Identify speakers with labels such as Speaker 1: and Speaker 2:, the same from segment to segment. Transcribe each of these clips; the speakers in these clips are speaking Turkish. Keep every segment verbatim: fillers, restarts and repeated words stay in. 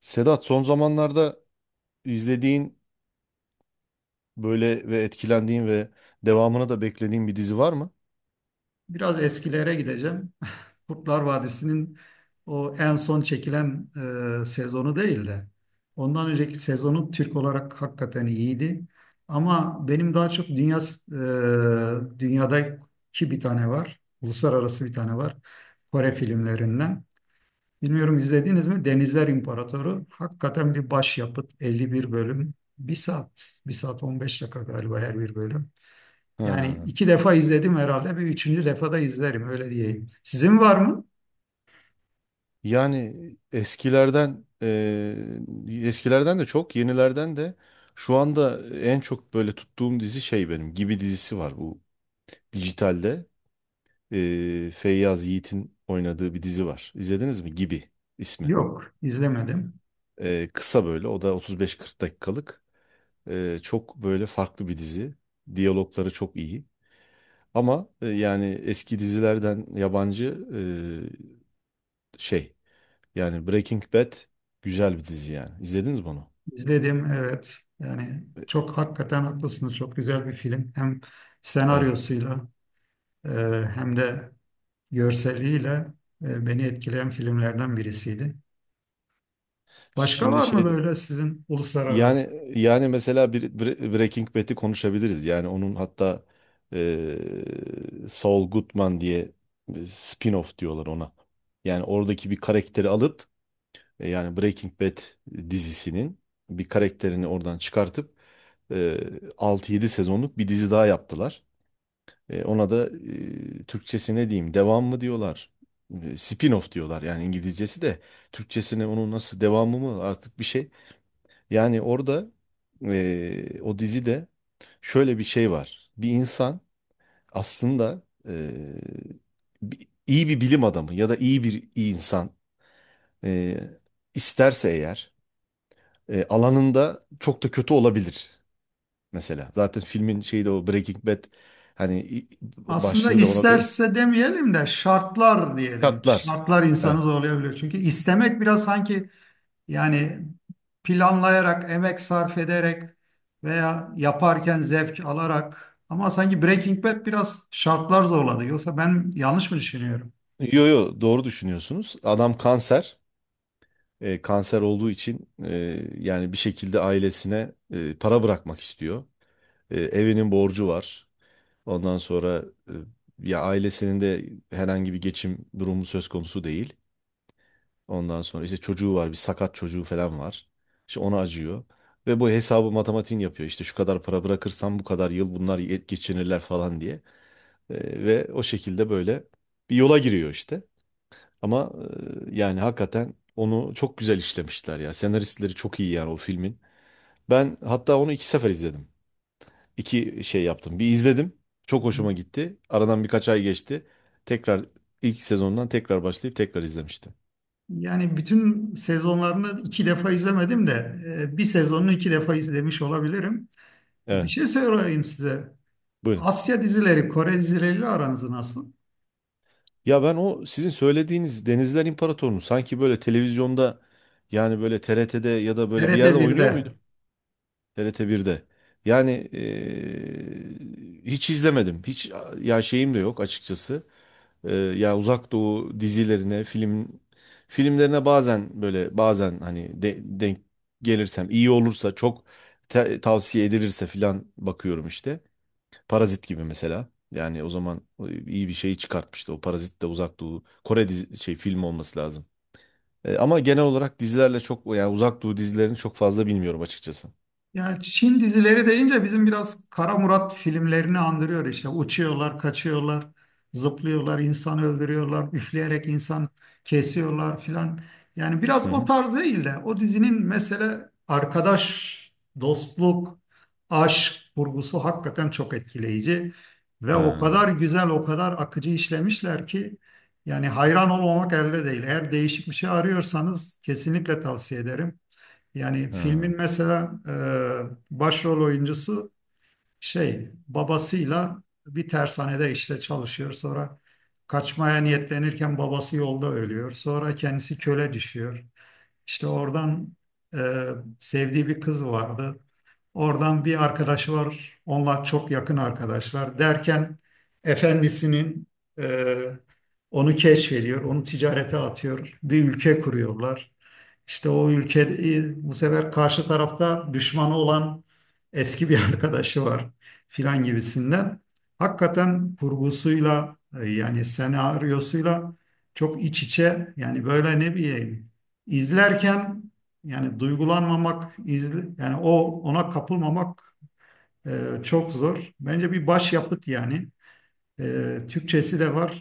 Speaker 1: Sedat, son zamanlarda izlediğin böyle ve etkilendiğin ve devamını da beklediğin bir dizi var mı?
Speaker 2: Biraz eskilere gideceğim. Kurtlar Vadisi'nin o en son çekilen e, sezonu değil de ondan önceki sezonu Türk olarak hakikaten iyiydi. Ama benim daha çok dünya e, dünyadaki bir tane var. Uluslararası bir tane var. Kore filmlerinden. Bilmiyorum izlediniz mi? Denizler İmparatoru. Hakikaten bir başyapıt. elli bir bölüm. Bir saat, bir saat on beş dakika galiba her bir bölüm. Yani
Speaker 1: Ha.
Speaker 2: iki defa izledim herhalde. Bir üçüncü defa da izlerim öyle diyeyim. Sizin var mı?
Speaker 1: Yani eskilerden eee, eskilerden de çok, yenilerden de şu anda en çok böyle tuttuğum dizi şey benim Gibi dizisi var, bu dijitalde. Eee Feyyaz Yiğit'in oynadığı bir dizi var. İzlediniz mi? Gibi ismi.
Speaker 2: Yok, izlemedim.
Speaker 1: Eee, kısa böyle, o da otuz beş kırk dakikalık. Eee, çok böyle farklı bir dizi. Diyalogları çok iyi. Ama e, yani eski dizilerden yabancı e, şey yani Breaking Bad güzel bir dizi yani. İzlediniz mi onu?
Speaker 2: İzledim, evet. Yani
Speaker 1: E,
Speaker 2: çok hakikaten haklısınız. Çok güzel bir film. Hem
Speaker 1: Evet.
Speaker 2: senaryosuyla, e, hem de görseliyle e, beni etkileyen filmlerden birisiydi. Başka
Speaker 1: Şimdi
Speaker 2: var mı
Speaker 1: şey de-
Speaker 2: böyle sizin uluslararası?
Speaker 1: yani yani mesela bir Bre- Breaking Bad'i konuşabiliriz. Yani onun hatta e, Saul Goodman diye e, spin-off diyorlar ona. Yani oradaki bir karakteri alıp e, yani Breaking Bad dizisinin bir karakterini oradan çıkartıp e, altı yedi sezonluk bir dizi daha yaptılar. E, ona da e, Türkçesi ne diyeyim? Devam mı diyorlar? E, spin-off diyorlar yani İngilizcesi de. Türkçesine onun nasıl, devamı mı artık, bir şey. Yani orada e, o dizide şöyle bir şey var. Bir insan aslında e, bi- iyi bir bilim adamı ya da iyi bir insan, e, isterse eğer e, alanında çok da kötü olabilir mesela. Zaten filmin şeyi de o Breaking Bad, hani i-
Speaker 2: Aslında
Speaker 1: başlığı da ona...
Speaker 2: isterse demeyelim de şartlar diyelim.
Speaker 1: Şartlar.
Speaker 2: Şartlar
Speaker 1: Evet.
Speaker 2: insanı zorlayabiliyor. Çünkü istemek biraz sanki, yani planlayarak, emek sarf ederek veya yaparken zevk alarak, ama sanki Breaking Bad biraz şartlar zorladı. Yoksa ben yanlış mı düşünüyorum?
Speaker 1: Yo, yo, doğru düşünüyorsunuz. Adam kanser. E, kanser olduğu için e, yani bir şekilde ailesine e, para bırakmak istiyor. E, evinin borcu var. Ondan sonra e, ya ailesinin de herhangi bir geçim durumu söz konusu değil. Ondan sonra işte çocuğu var, bir sakat çocuğu falan var. İşte ona acıyor. Ve bu hesabı, matematiğini yapıyor. İşte şu kadar para bırakırsam bu kadar yıl bunlar ye- geçinirler falan diye. E, ve o şekilde böyle bir yola giriyor işte. Ama e, yani hakikaten onu çok güzel işlemişler ya. Senaristleri çok iyi yani o filmin. Ben hatta onu iki sefer izledim. İki şey yaptım. Bir izledim. Çok hoşuma gitti. Aradan birkaç ay geçti. Tekrar ilk sezondan tekrar başlayıp tekrar izlemiştim.
Speaker 2: Yani bütün sezonlarını iki defa izlemedim de e, bir sezonunu iki defa izlemiş olabilirim. E, Bir
Speaker 1: Evet,
Speaker 2: şey söyleyeyim size.
Speaker 1: buyurun.
Speaker 2: Asya dizileri, Kore dizileriyle aranız nasıl?
Speaker 1: Ya ben o sizin söylediğiniz Denizler İmparatorunu sanki böyle televizyonda, yani böyle T R T'de ya da böyle bir
Speaker 2: T R T
Speaker 1: yerde oynuyor
Speaker 2: birde.
Speaker 1: muydu? T R T birde. Yani e, hiç izlemedim. Hiç, ya şeyim de yok açıkçası. Ee, yani Uzak Doğu dizilerine, film filmlerine bazen böyle, bazen hani de- denk gelirsem, iyi olursa, çok te- tavsiye edilirse filan bakıyorum işte. Parazit gibi mesela. Yani o zaman e, iyi bir şey çıkartmıştı. O Parazit de Uzak Doğu Kore dizi, şey film olması lazım. Ee, ama genel olarak dizilerle çok, yani Uzak Doğu dizilerini çok fazla bilmiyorum açıkçası.
Speaker 2: Yani Çin dizileri deyince bizim biraz Kara Murat filmlerini andırıyor işte. Uçuyorlar, kaçıyorlar, zıplıyorlar, insan öldürüyorlar, üfleyerek insan kesiyorlar filan. Yani biraz
Speaker 1: Hı
Speaker 2: o
Speaker 1: hı.
Speaker 2: tarz değil de o dizinin mesele arkadaş, dostluk, aşk vurgusu hakikaten çok etkileyici. Ve o
Speaker 1: Ha,
Speaker 2: kadar güzel, o kadar akıcı işlemişler ki yani hayran olmamak elde değil. Eğer değişik bir şey arıyorsanız kesinlikle tavsiye ederim. Yani
Speaker 1: ha.
Speaker 2: filmin mesela e, başrol oyuncusu şey babasıyla bir tersanede işte çalışıyor. Sonra kaçmaya niyetlenirken babası yolda ölüyor. Sonra kendisi köle düşüyor. İşte oradan e, sevdiği bir kız vardı. Oradan bir arkadaşı var. Onlar çok yakın arkadaşlar. Derken efendisinin e, onu keşfediyor, onu ticarete atıyor. Bir ülke kuruyorlar. İşte o ülke bu sefer karşı tarafta düşmanı olan eski bir arkadaşı var filan gibisinden. Hakikaten kurgusuyla, e, yani senaryosuyla çok iç içe, yani böyle ne bileyim, izlerken yani duygulanmamak izle, yani o ona kapılmamak e, çok zor. Bence bir başyapıt yani. E, Türkçesi de var.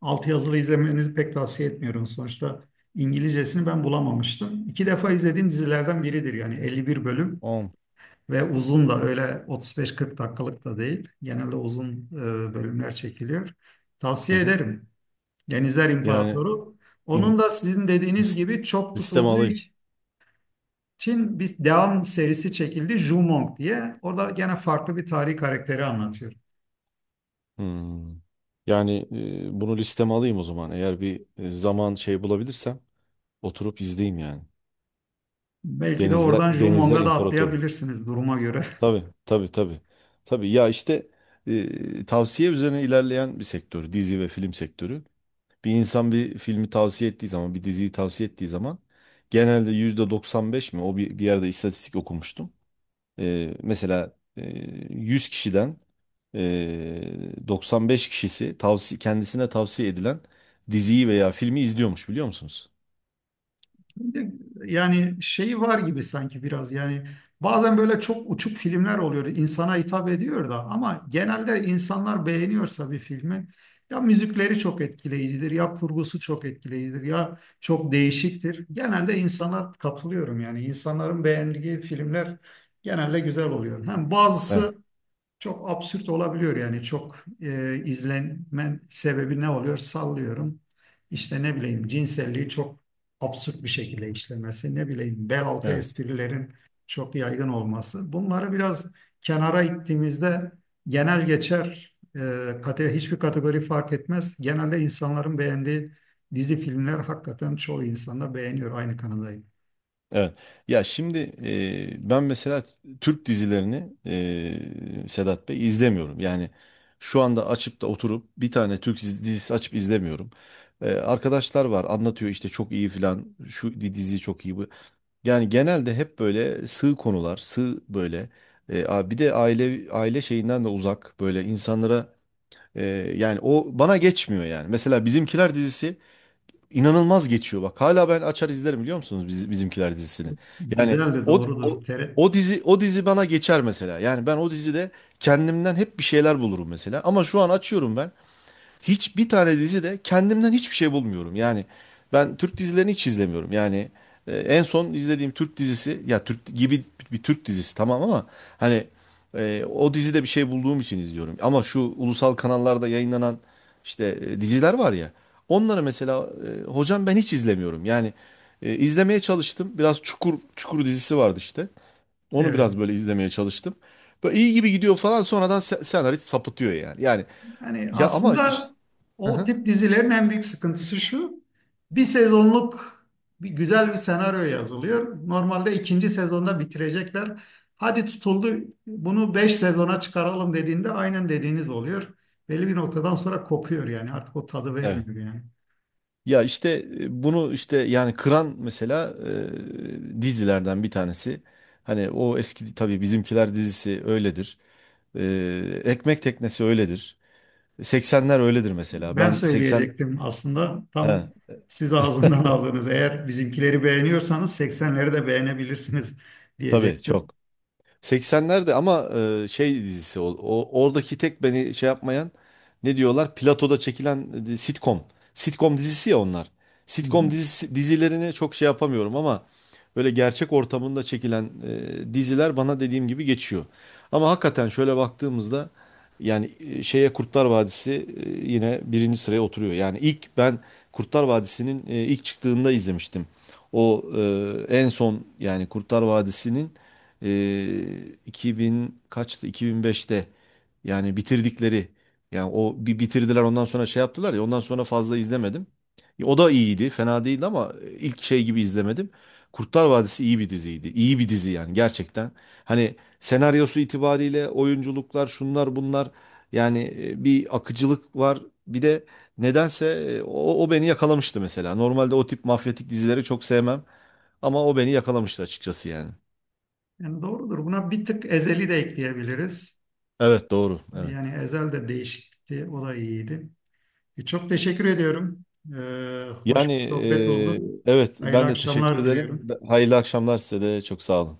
Speaker 2: Altyazılı izlemenizi pek tavsiye etmiyorum. Sonuçta İngilizcesini ben bulamamıştım. İki defa izlediğim dizilerden biridir yani. elli bir bölüm.
Speaker 1: On.
Speaker 2: Ve uzun da öyle, otuz beş kırk dakikalık da değil. Genelde uzun e, bölümler çekiliyor.
Speaker 1: Hı
Speaker 2: Tavsiye
Speaker 1: hı.
Speaker 2: ederim. Denizler
Speaker 1: Yani
Speaker 2: İmparatoru. Onun
Speaker 1: in-
Speaker 2: da sizin dediğiniz
Speaker 1: list-
Speaker 2: gibi çok
Speaker 1: listeme
Speaker 2: tutulduğu
Speaker 1: alayım.
Speaker 2: için bir devam serisi çekildi. Jumong diye. Orada gene farklı bir tarihi karakteri anlatıyor.
Speaker 1: Hmm. Yani e, bunu listeme alayım o zaman. Eğer bir e, zaman şey bulabilirsem oturup izleyeyim yani.
Speaker 2: Belki de
Speaker 1: Denizler
Speaker 2: oradan
Speaker 1: Denizler
Speaker 2: Jumong'a da
Speaker 1: İmparatoru.
Speaker 2: atlayabilirsiniz duruma göre.
Speaker 1: Tabii, tabii, tabii. Tabii ya işte, e, tavsiye üzerine ilerleyen bir sektör. Dizi ve film sektörü. Bir insan bir filmi tavsiye ettiği zaman, bir diziyi tavsiye ettiği zaman, genelde yüzde doksan beş mi, o bir, bir yerde istatistik okumuştum. Ee, mesela e, yüz kişiden e, doksan beş kişisi tavsi kendisine tavsiye edilen diziyi veya filmi izliyormuş, biliyor musunuz?
Speaker 2: Yani şey var gibi, sanki biraz yani bazen böyle çok uçuk filmler oluyor, insana hitap ediyor da ama genelde insanlar beğeniyorsa bir filmi, ya müzikleri çok etkileyicidir, ya kurgusu çok etkileyicidir, ya çok değişiktir. Genelde insanlar katılıyorum yani, insanların beğendiği filmler genelde güzel oluyor. Hem
Speaker 1: Evet,
Speaker 2: bazısı çok absürt olabiliyor, yani çok e, izlenmen sebebi ne oluyor? Sallıyorum. İşte ne bileyim cinselliği çok absürt bir şekilde işlemesi, ne bileyim bel altı
Speaker 1: evet,
Speaker 2: esprilerin çok yaygın olması. Bunları biraz kenara ittiğimizde genel geçer, e, kate, hiçbir kategori fark etmez. Genelde insanların beğendiği dizi filmler hakikaten çoğu insan da beğeniyor. Aynı kanadayım.
Speaker 1: evet. Ya şimdi, e, ben mesela Türk dizilerini, e, Sedat Bey, izlemiyorum. Yani şu anda açıp da oturup bir tane Türk dizi- dizisi açıp izlemiyorum. E, arkadaşlar var, anlatıyor işte çok iyi filan, şu di- dizi çok iyi, bu. Yani genelde hep böyle sığ konular, sığ böyle. E, a- bir de aile aile şeyinden de uzak, böyle insanlara, e, yani o bana geçmiyor yani. Mesela Bizimkiler dizisi inanılmaz geçiyor, bak. Hala ben açar izlerim, biliyor musunuz, Biz- Bizimkiler dizisini. Yani
Speaker 2: Güzel de
Speaker 1: o o
Speaker 2: doğrudur. Tere,
Speaker 1: o dizi o dizi bana geçer mesela. Yani ben o dizide kendimden hep bir şeyler bulurum mesela. Ama şu an açıyorum ben, hiçbir tane dizide kendimden hiçbir şey bulmuyorum. Yani ben Türk dizilerini hiç izlemiyorum. Yani e, en son izlediğim Türk dizisi, ya Türk gibi bir Türk dizisi tamam, ama hani e, o dizide bir şey bulduğum için izliyorum. Ama şu ulusal kanallarda yayınlanan işte e, diziler var ya, onları mesela e, hocam, ben hiç izlemiyorum. Yani e, izlemeye çalıştım. Biraz Çukur Çukur dizisi vardı işte. Onu
Speaker 2: evet.
Speaker 1: biraz böyle izlemeye çalıştım. Böyle iyi gibi gidiyor falan, sonradan se- senarist sapıtıyor yani. Yani
Speaker 2: Yani
Speaker 1: ya, ama işte,
Speaker 2: aslında o tip dizilerin en büyük sıkıntısı şu. Bir sezonluk bir güzel bir senaryo yazılıyor. Normalde ikinci sezonda bitirecekler. Hadi tutuldu, bunu beş sezona çıkaralım dediğinde aynen dediğiniz oluyor. Belli bir noktadan sonra kopuyor, yani artık o tadı
Speaker 1: Evet.
Speaker 2: vermiyor yani.
Speaker 1: Ya işte, e, bunu işte yani kıran mesela e, dizilerden bir tanesi. Hani o eski tabii Bizimkiler dizisi öyledir. E, Ekmek Teknesi öyledir. seksenler öyledir mesela.
Speaker 2: Ben
Speaker 1: Ben seksen,
Speaker 2: söyleyecektim aslında,
Speaker 1: he,
Speaker 2: tam siz ağzından aldınız. Eğer bizimkileri beğeniyorsanız seksenleri de beğenebilirsiniz
Speaker 1: tabii
Speaker 2: diyecektim.
Speaker 1: çok. seksenlerde ama e, şey dizisi, o, o- oradaki tek beni şey yapmayan, ne diyorlar? Platoda çekilen e, sitcom. Sitcom dizisi ya onlar.
Speaker 2: Hı hı.
Speaker 1: Sitcom dizisi, dizilerini çok şey yapamıyorum, ama böyle gerçek ortamında çekilen e, diziler bana, dediğim gibi, geçiyor. Ama hakikaten şöyle baktığımızda, yani e, şeye, Kurtlar Vadisi e, yine birinci sıraya oturuyor. Yani ilk ben Kurtlar Vadisi'nin e, ilk çıktığında izlemiştim. O e, en son yani Kurtlar Vadisi'nin e, iki bin kaçtı? iki bin beşte yani bitirdikleri, yani o bir bitirdiler, ondan sonra şey yaptılar ya, ondan sonra fazla izlemedim. Ya, o da iyiydi, fena değildi ama ilk şey gibi izlemedim. Kurtlar Vadisi iyi bir diziydi. İyi bir dizi yani, gerçekten. Hani senaryosu itibariyle, oyunculuklar, şunlar bunlar, yani e, bir akıcılık var. Bir de nedense e, o, o beni yakalamıştı mesela. Normalde o tip mafyatik dizileri çok sevmem, ama o beni yakalamıştı açıkçası yani.
Speaker 2: Yani doğrudur. Buna bir tık ezeli de ekleyebiliriz.
Speaker 1: Evet, doğru. Evet.
Speaker 2: Yani ezel de değişikti. O da iyiydi. E, çok teşekkür ediyorum. Ee, hoş
Speaker 1: Yani
Speaker 2: bir sohbet
Speaker 1: e,
Speaker 2: oldu.
Speaker 1: evet,
Speaker 2: Hayırlı
Speaker 1: ben de teşekkür
Speaker 2: akşamlar
Speaker 1: ederim.
Speaker 2: diliyorum.
Speaker 1: Hayırlı akşamlar, size de, çok sağ olun.